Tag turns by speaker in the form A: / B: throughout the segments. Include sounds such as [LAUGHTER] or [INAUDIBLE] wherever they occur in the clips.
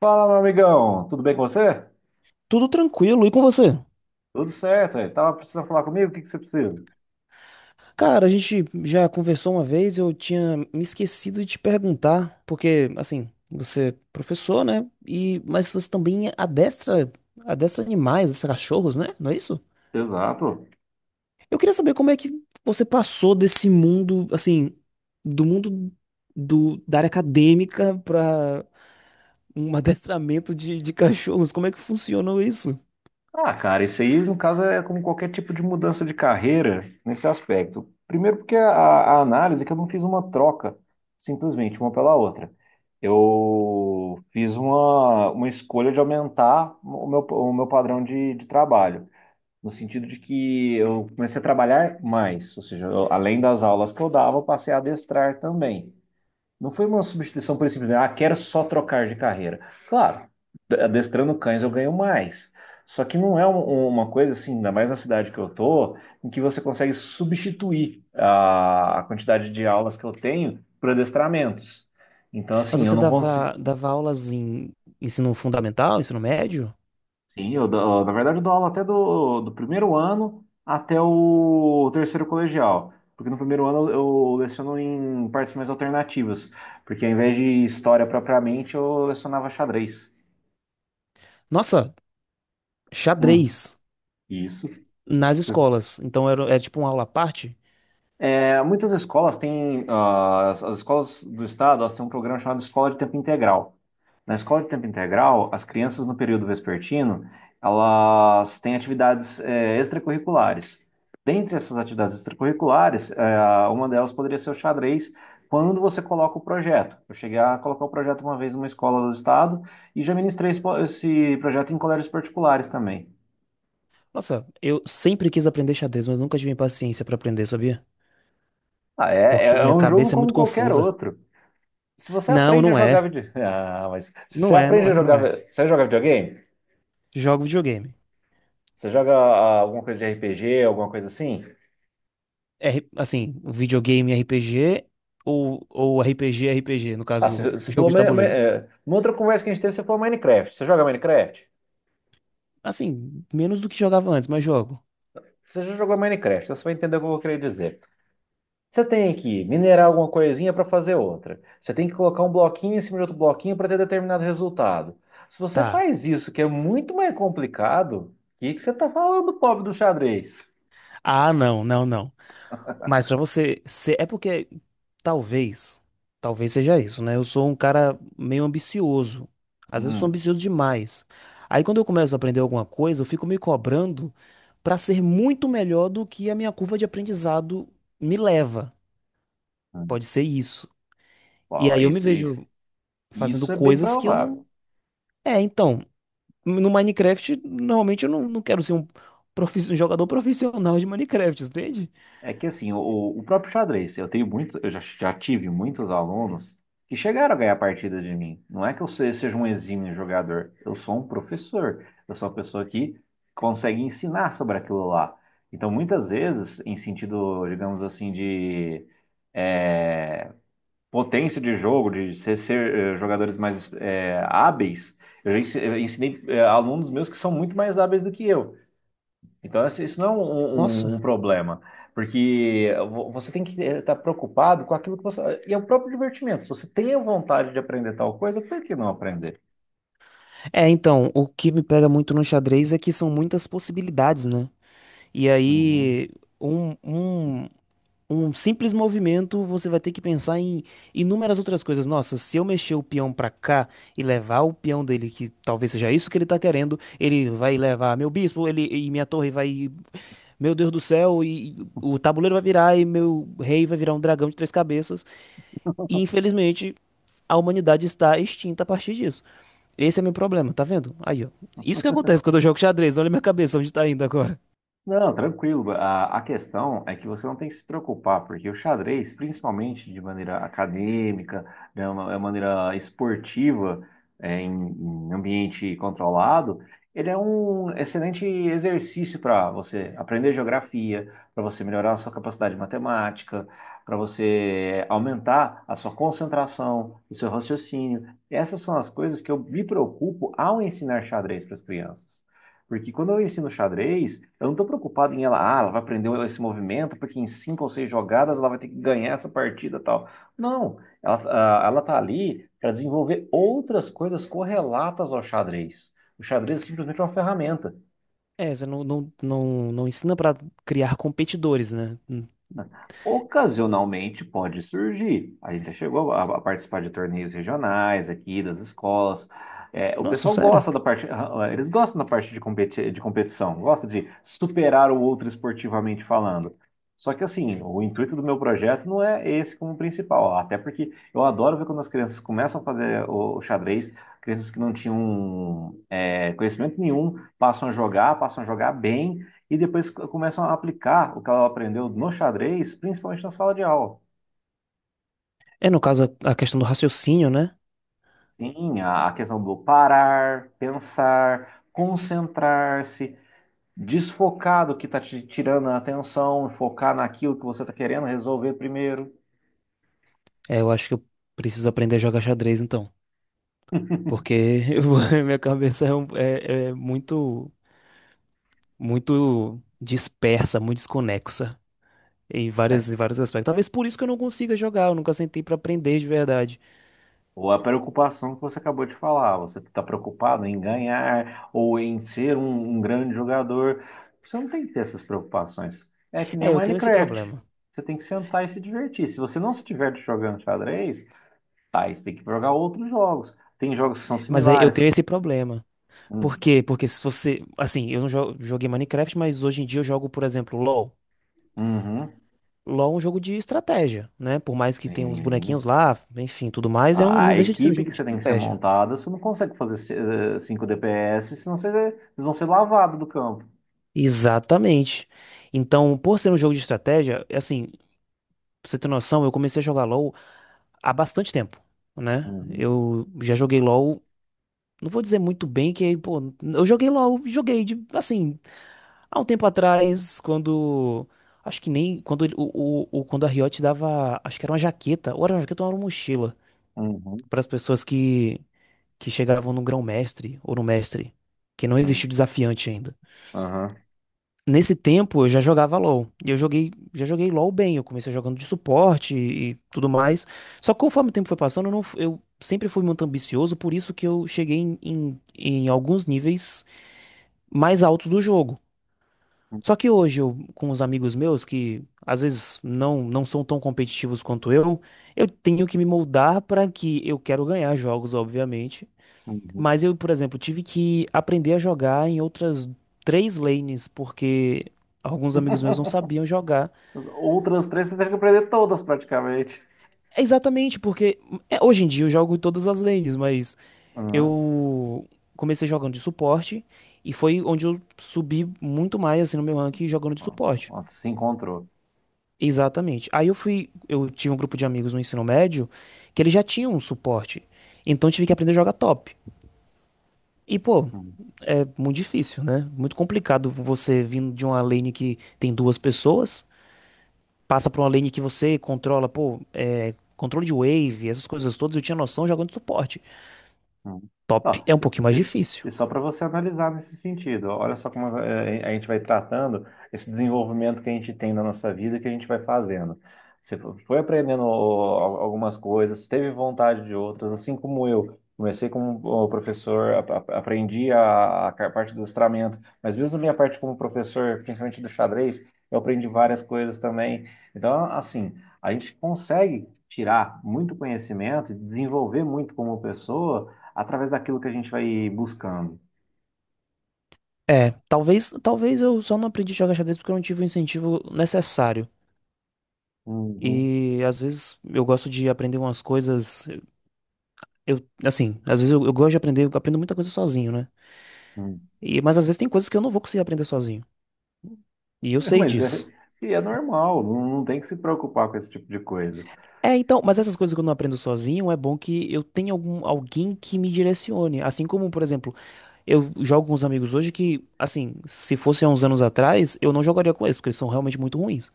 A: Fala, meu amigão, tudo bem com você?
B: Tudo tranquilo. E com você?
A: Tudo certo, aí. Tava precisando falar comigo? O que que você precisa?
B: Cara, a gente já conversou uma vez, eu tinha me esquecido de te perguntar, porque assim, você é professor, né? E mas você também adestra, adestra animais, adestra cachorros, né? Não é isso?
A: Exato.
B: Eu queria saber como é que você passou desse mundo, assim, do mundo da área acadêmica para um [LAUGHS] adestramento de cachorros. Como é que funcionou isso?
A: Ah, cara, isso aí, no caso, é como qualquer tipo de mudança de carreira nesse aspecto. Primeiro, porque a análise é que eu não fiz uma troca, simplesmente uma pela outra. Eu fiz uma escolha de aumentar o meu padrão de trabalho, no sentido de que eu comecei a trabalhar mais, ou seja, além das aulas que eu dava, eu passei a adestrar também. Não foi uma substituição por simples, quero só trocar de carreira. Claro, adestrando cães eu ganho mais. Só que não é uma coisa assim, ainda mais na cidade que eu tô, em que você consegue substituir a quantidade de aulas que eu tenho por adestramentos. Então,
B: Mas
A: assim, eu
B: você
A: não consigo.
B: dava aulas em ensino fundamental, ensino médio?
A: Sim, na verdade eu dou aula até do primeiro ano até o terceiro colegial. Porque no primeiro ano eu leciono em partes mais alternativas. Porque ao invés de história propriamente, eu lecionava xadrez.
B: Nossa, xadrez
A: Hum, isso.
B: nas escolas. Então era, era tipo uma aula à parte.
A: É, muitas escolas têm, as, as escolas do estado, elas têm um programa chamado Escola de Tempo Integral. Na escola de tempo integral, as crianças no período vespertino, elas têm atividades extracurriculares. Dentre essas atividades extracurriculares, uma delas poderia ser o xadrez, quando você coloca o projeto. Eu cheguei a colocar o projeto uma vez numa escola do estado e já ministrei esse projeto em colégios particulares também.
B: Nossa, eu sempre quis aprender xadrez, mas nunca tive paciência pra aprender, sabia?
A: Ah, é,
B: Porque
A: é
B: minha
A: um jogo
B: cabeça é
A: como
B: muito
A: qualquer
B: confusa.
A: outro. Se você
B: Não,
A: aprende a
B: não
A: jogar
B: é.
A: video... [LAUGHS] Ah, mas se você
B: Não é, não
A: aprende a
B: é, não
A: jogar,
B: é.
A: você joga videogame?
B: Jogo videogame.
A: Você joga alguma coisa de RPG, alguma coisa assim?
B: Videogame RPG ou, ou RPG, no
A: Ah, você,
B: caso,
A: você falou,
B: jogo de tabuleiro.
A: numa outra conversa que a gente teve, você falou Minecraft. Você joga Minecraft?
B: Assim, menos do que jogava antes, mas jogo.
A: Você já jogou Minecraft, então você vai entender o que eu vou querer dizer. Você tem que minerar alguma coisinha para fazer outra. Você tem que colocar um bloquinho em cima de outro bloquinho para ter determinado resultado. Se você
B: Tá.
A: faz isso, que é muito mais complicado, o que que você está falando, pobre do xadrez?
B: Ah, não, não, não. Mas pra você ser, é porque talvez, talvez seja isso, né? Eu sou um cara meio ambicioso. Às vezes eu sou
A: Hum,
B: ambicioso demais. Aí quando eu começo a aprender alguma coisa, eu fico me cobrando pra ser muito melhor do que a minha curva de aprendizado me leva.
A: hum.
B: Pode ser isso. E
A: Ó,
B: aí eu me
A: isso.
B: vejo fazendo
A: Isso é bem
B: coisas que eu não.
A: provável.
B: É, então, no Minecraft, normalmente eu não quero ser um um jogador profissional de Minecraft, entende?
A: É que assim, o próprio xadrez, eu tenho muitos, eu já, já tive muitos alunos que chegaram a ganhar partidas de mim. Não é que eu seja um exímio jogador, eu sou um professor, eu sou uma pessoa que consegue ensinar sobre aquilo lá. Então, muitas vezes, em sentido, digamos assim, de é, potência de jogo, de ser, jogadores mais hábeis, eu ensinei alunos meus que são muito mais hábeis do que eu. Então, assim, isso não é um, um- um
B: Nossa.
A: um problema, porque você tem que estar preocupado com aquilo que você. E é o próprio divertimento. Se você tem a vontade de aprender tal coisa, por que não aprender?
B: É, então, o que me pega muito no xadrez é que são muitas possibilidades, né? E
A: Uhum.
B: aí, um, um, um simples movimento, você vai ter que pensar em inúmeras outras coisas. Nossa, se eu mexer o peão pra cá e levar o peão dele, que talvez seja isso que ele tá querendo, ele vai levar meu bispo, ele e minha torre vai. Meu Deus do céu, e o tabuleiro vai virar e meu rei vai virar um dragão de três cabeças. E infelizmente a humanidade está extinta a partir disso. Esse é meu problema, tá vendo? Aí, ó. Isso que acontece quando eu jogo xadrez. Olha minha cabeça, onde tá indo agora.
A: Não, tranquilo. A questão é que você não tem que se preocupar, porque o xadrez, principalmente de maneira acadêmica, de maneira esportiva, é, em, em ambiente controlado, ele é um excelente exercício para você aprender geografia, para você melhorar a sua capacidade matemática, para você aumentar a sua concentração, o seu raciocínio. Essas são as coisas que eu me preocupo ao ensinar xadrez para as crianças. Porque quando eu ensino xadrez, eu não estou preocupado em ela, ela vai aprender esse movimento, porque em cinco ou seis jogadas ela vai ter que ganhar essa partida e tal. Não, ela, ela tá ali para desenvolver outras coisas correlatas ao xadrez. O xadrez é simplesmente uma ferramenta.
B: É, você não ensina pra criar competidores, né? Hum.
A: Ocasionalmente pode surgir. A gente já chegou a participar de torneios regionais aqui, das escolas. É, o
B: Nossa,
A: pessoal
B: sério?
A: gosta da parte, eles gostam da parte de competição, gosta de superar o outro esportivamente falando. Só que assim, o intuito do meu projeto não é esse como principal, até porque eu adoro ver quando as crianças começam a fazer o xadrez, crianças que não tinham conhecimento nenhum, passam a jogar bem e depois começam a aplicar o que ela aprendeu no xadrez, principalmente na sala de aula.
B: É, no caso, a questão do raciocínio, né?
A: Sim, a questão do parar, pensar, concentrar-se, desfocar do que está te tirando a atenção, focar naquilo que você está querendo resolver primeiro.
B: É, eu acho que eu preciso aprender a jogar xadrez, então.
A: [LAUGHS]
B: Porque [LAUGHS] eu vou- minha cabeça é, é é muito, muito dispersa, muito desconexa. Em vários aspectos. Talvez por isso que eu não consiga jogar, eu nunca sentei pra aprender de verdade.
A: Ou a preocupação que você acabou de falar, você está preocupado em ganhar ou em ser um, um grande jogador. Você não tem que ter essas preocupações. É que nem o
B: É, eu tenho esse
A: Minecraft.
B: problema.
A: Você tem que sentar e se divertir. Se você não se diverte jogando xadrez, tá, aí você tem que jogar outros jogos. Tem jogos que são
B: Mas é, eu
A: similares.
B: tenho esse problema. Por
A: Hum,
B: quê? Porque se você. Assim, eu não jo- joguei Minecraft, mas hoje em dia eu jogo, por exemplo, LoL.
A: uhum,
B: LoL é um jogo de estratégia, né? Por mais que tenha uns bonequinhos
A: sim.
B: lá, enfim, tudo mais, é um, não
A: A
B: deixa de ser um
A: equipe
B: jogo
A: que
B: de
A: você tem que ser
B: estratégia.
A: montada, você não consegue fazer 5 DPS, senão você, vocês vão ser lavados do campo.
B: Exatamente. Então, por ser um jogo de estratégia, assim, pra você ter noção, eu comecei a jogar LoL há bastante tempo, né?
A: Uhum,
B: Eu já joguei LoL. Não vou dizer muito bem que, pô, eu joguei LOL, joguei de, assim, há um tempo atrás, quando, acho que nem, quando a Riot dava, acho que era uma jaqueta, ou era uma jaqueta ou era uma mochila,
A: uhum,
B: para as pessoas que chegavam no grão-mestre ou no mestre, que não existia o
A: uhum,
B: desafiante ainda.
A: aham.
B: Nesse tempo eu já jogava LoL, e eu joguei, já joguei LoL bem, eu comecei jogando de suporte e tudo mais, só que conforme o tempo foi passando, eu, não, eu sempre fui muito ambicioso, por isso que eu cheguei em alguns níveis mais altos do jogo.
A: Uhum,
B: Só que hoje eu, com os amigos meus que às vezes não são tão competitivos quanto eu tenho que me moldar para que eu quero ganhar jogos, obviamente.
A: uhum.
B: Mas eu, por exemplo, tive que aprender a jogar em outras três lanes porque alguns amigos meus não
A: [LAUGHS]
B: sabiam jogar.
A: Outras três você teve que aprender todas praticamente.
B: É exatamente, porque é, hoje em dia eu jogo em todas as lanes, mas
A: Uhum.
B: eu comecei jogando de suporte e foi onde eu subi muito mais assim no meu ranking jogando de
A: Ó,
B: suporte.
A: ó, se encontrou.
B: Exatamente. Aí eu fui, eu tinha um grupo de amigos no ensino médio que eles já tinham um suporte. Então eu tive que aprender a jogar top. E pô, é muito difícil, né? Muito complicado você vindo de uma lane que tem duas pessoas, passa pra uma lane que você controla, pô, é, controle de wave, essas coisas todas, eu tinha noção jogando suporte.
A: Hum. Ó,
B: Top é um
A: e,
B: pouquinho mais
A: e-
B: difícil.
A: e só para você analisar nesse sentido, olha só como a gente vai tratando esse desenvolvimento que a gente tem na nossa vida, que a gente vai fazendo. Você foi aprendendo ó, algumas coisas, teve vontade de outras, assim como eu. Comecei como ó, professor, aprendi a parte do listramento, mas mesmo minha parte como professor, principalmente do xadrez, eu aprendi várias coisas também. Então, assim, a gente consegue tirar muito conhecimento, desenvolver muito como pessoa através daquilo que a gente vai buscando.
B: É, talvez, talvez eu só não aprendi a jogar xadrez porque eu não tive o incentivo necessário.
A: Uhum,
B: E às vezes eu gosto de aprender umas coisas. Eu, assim, às vezes eu gosto de aprender, eu aprendo muita coisa sozinho, né?
A: uhum.
B: E, mas às vezes tem coisas que eu não vou conseguir aprender sozinho. E eu
A: [LAUGHS]
B: sei
A: Mas é,
B: disso.
A: e é normal, não, não tem que se preocupar com esse tipo de coisa.
B: É, então, mas essas coisas que eu não aprendo sozinho, é bom que eu tenha algum, alguém que me direcione. Assim como, por exemplo, eu jogo com os amigos hoje que, assim, se fosse há uns anos atrás, eu não jogaria com eles, porque eles são realmente muito ruins.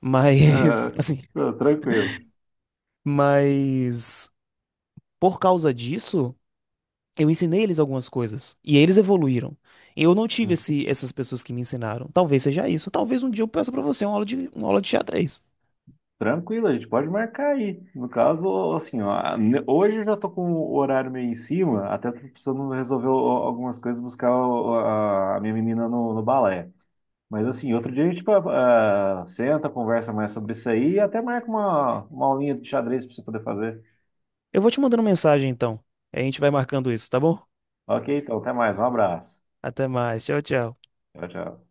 B: Mas, [LAUGHS]
A: Ah,
B: assim,
A: ah, tranquilo.
B: mas por causa disso. Eu ensinei eles algumas coisas e eles evoluíram. Eu não tive essas pessoas que me ensinaram. Talvez seja isso. Talvez um dia eu peça pra você uma aula de xadrez.
A: Tranquilo, a gente pode marcar aí. No caso, assim, ó, hoje eu já tô com o horário meio em cima, até tô precisando resolver algumas coisas, buscar a minha menina no, no balé. Mas assim, outro dia a gente senta, conversa mais sobre isso aí e até marca uma aulinha de xadrez para você poder fazer.
B: Eu vou te mandando mensagem então. A gente vai marcando isso, tá bom?
A: Ok, então, até mais, um abraço.
B: Até mais. Tchau, tchau.
A: Tchau, tchau.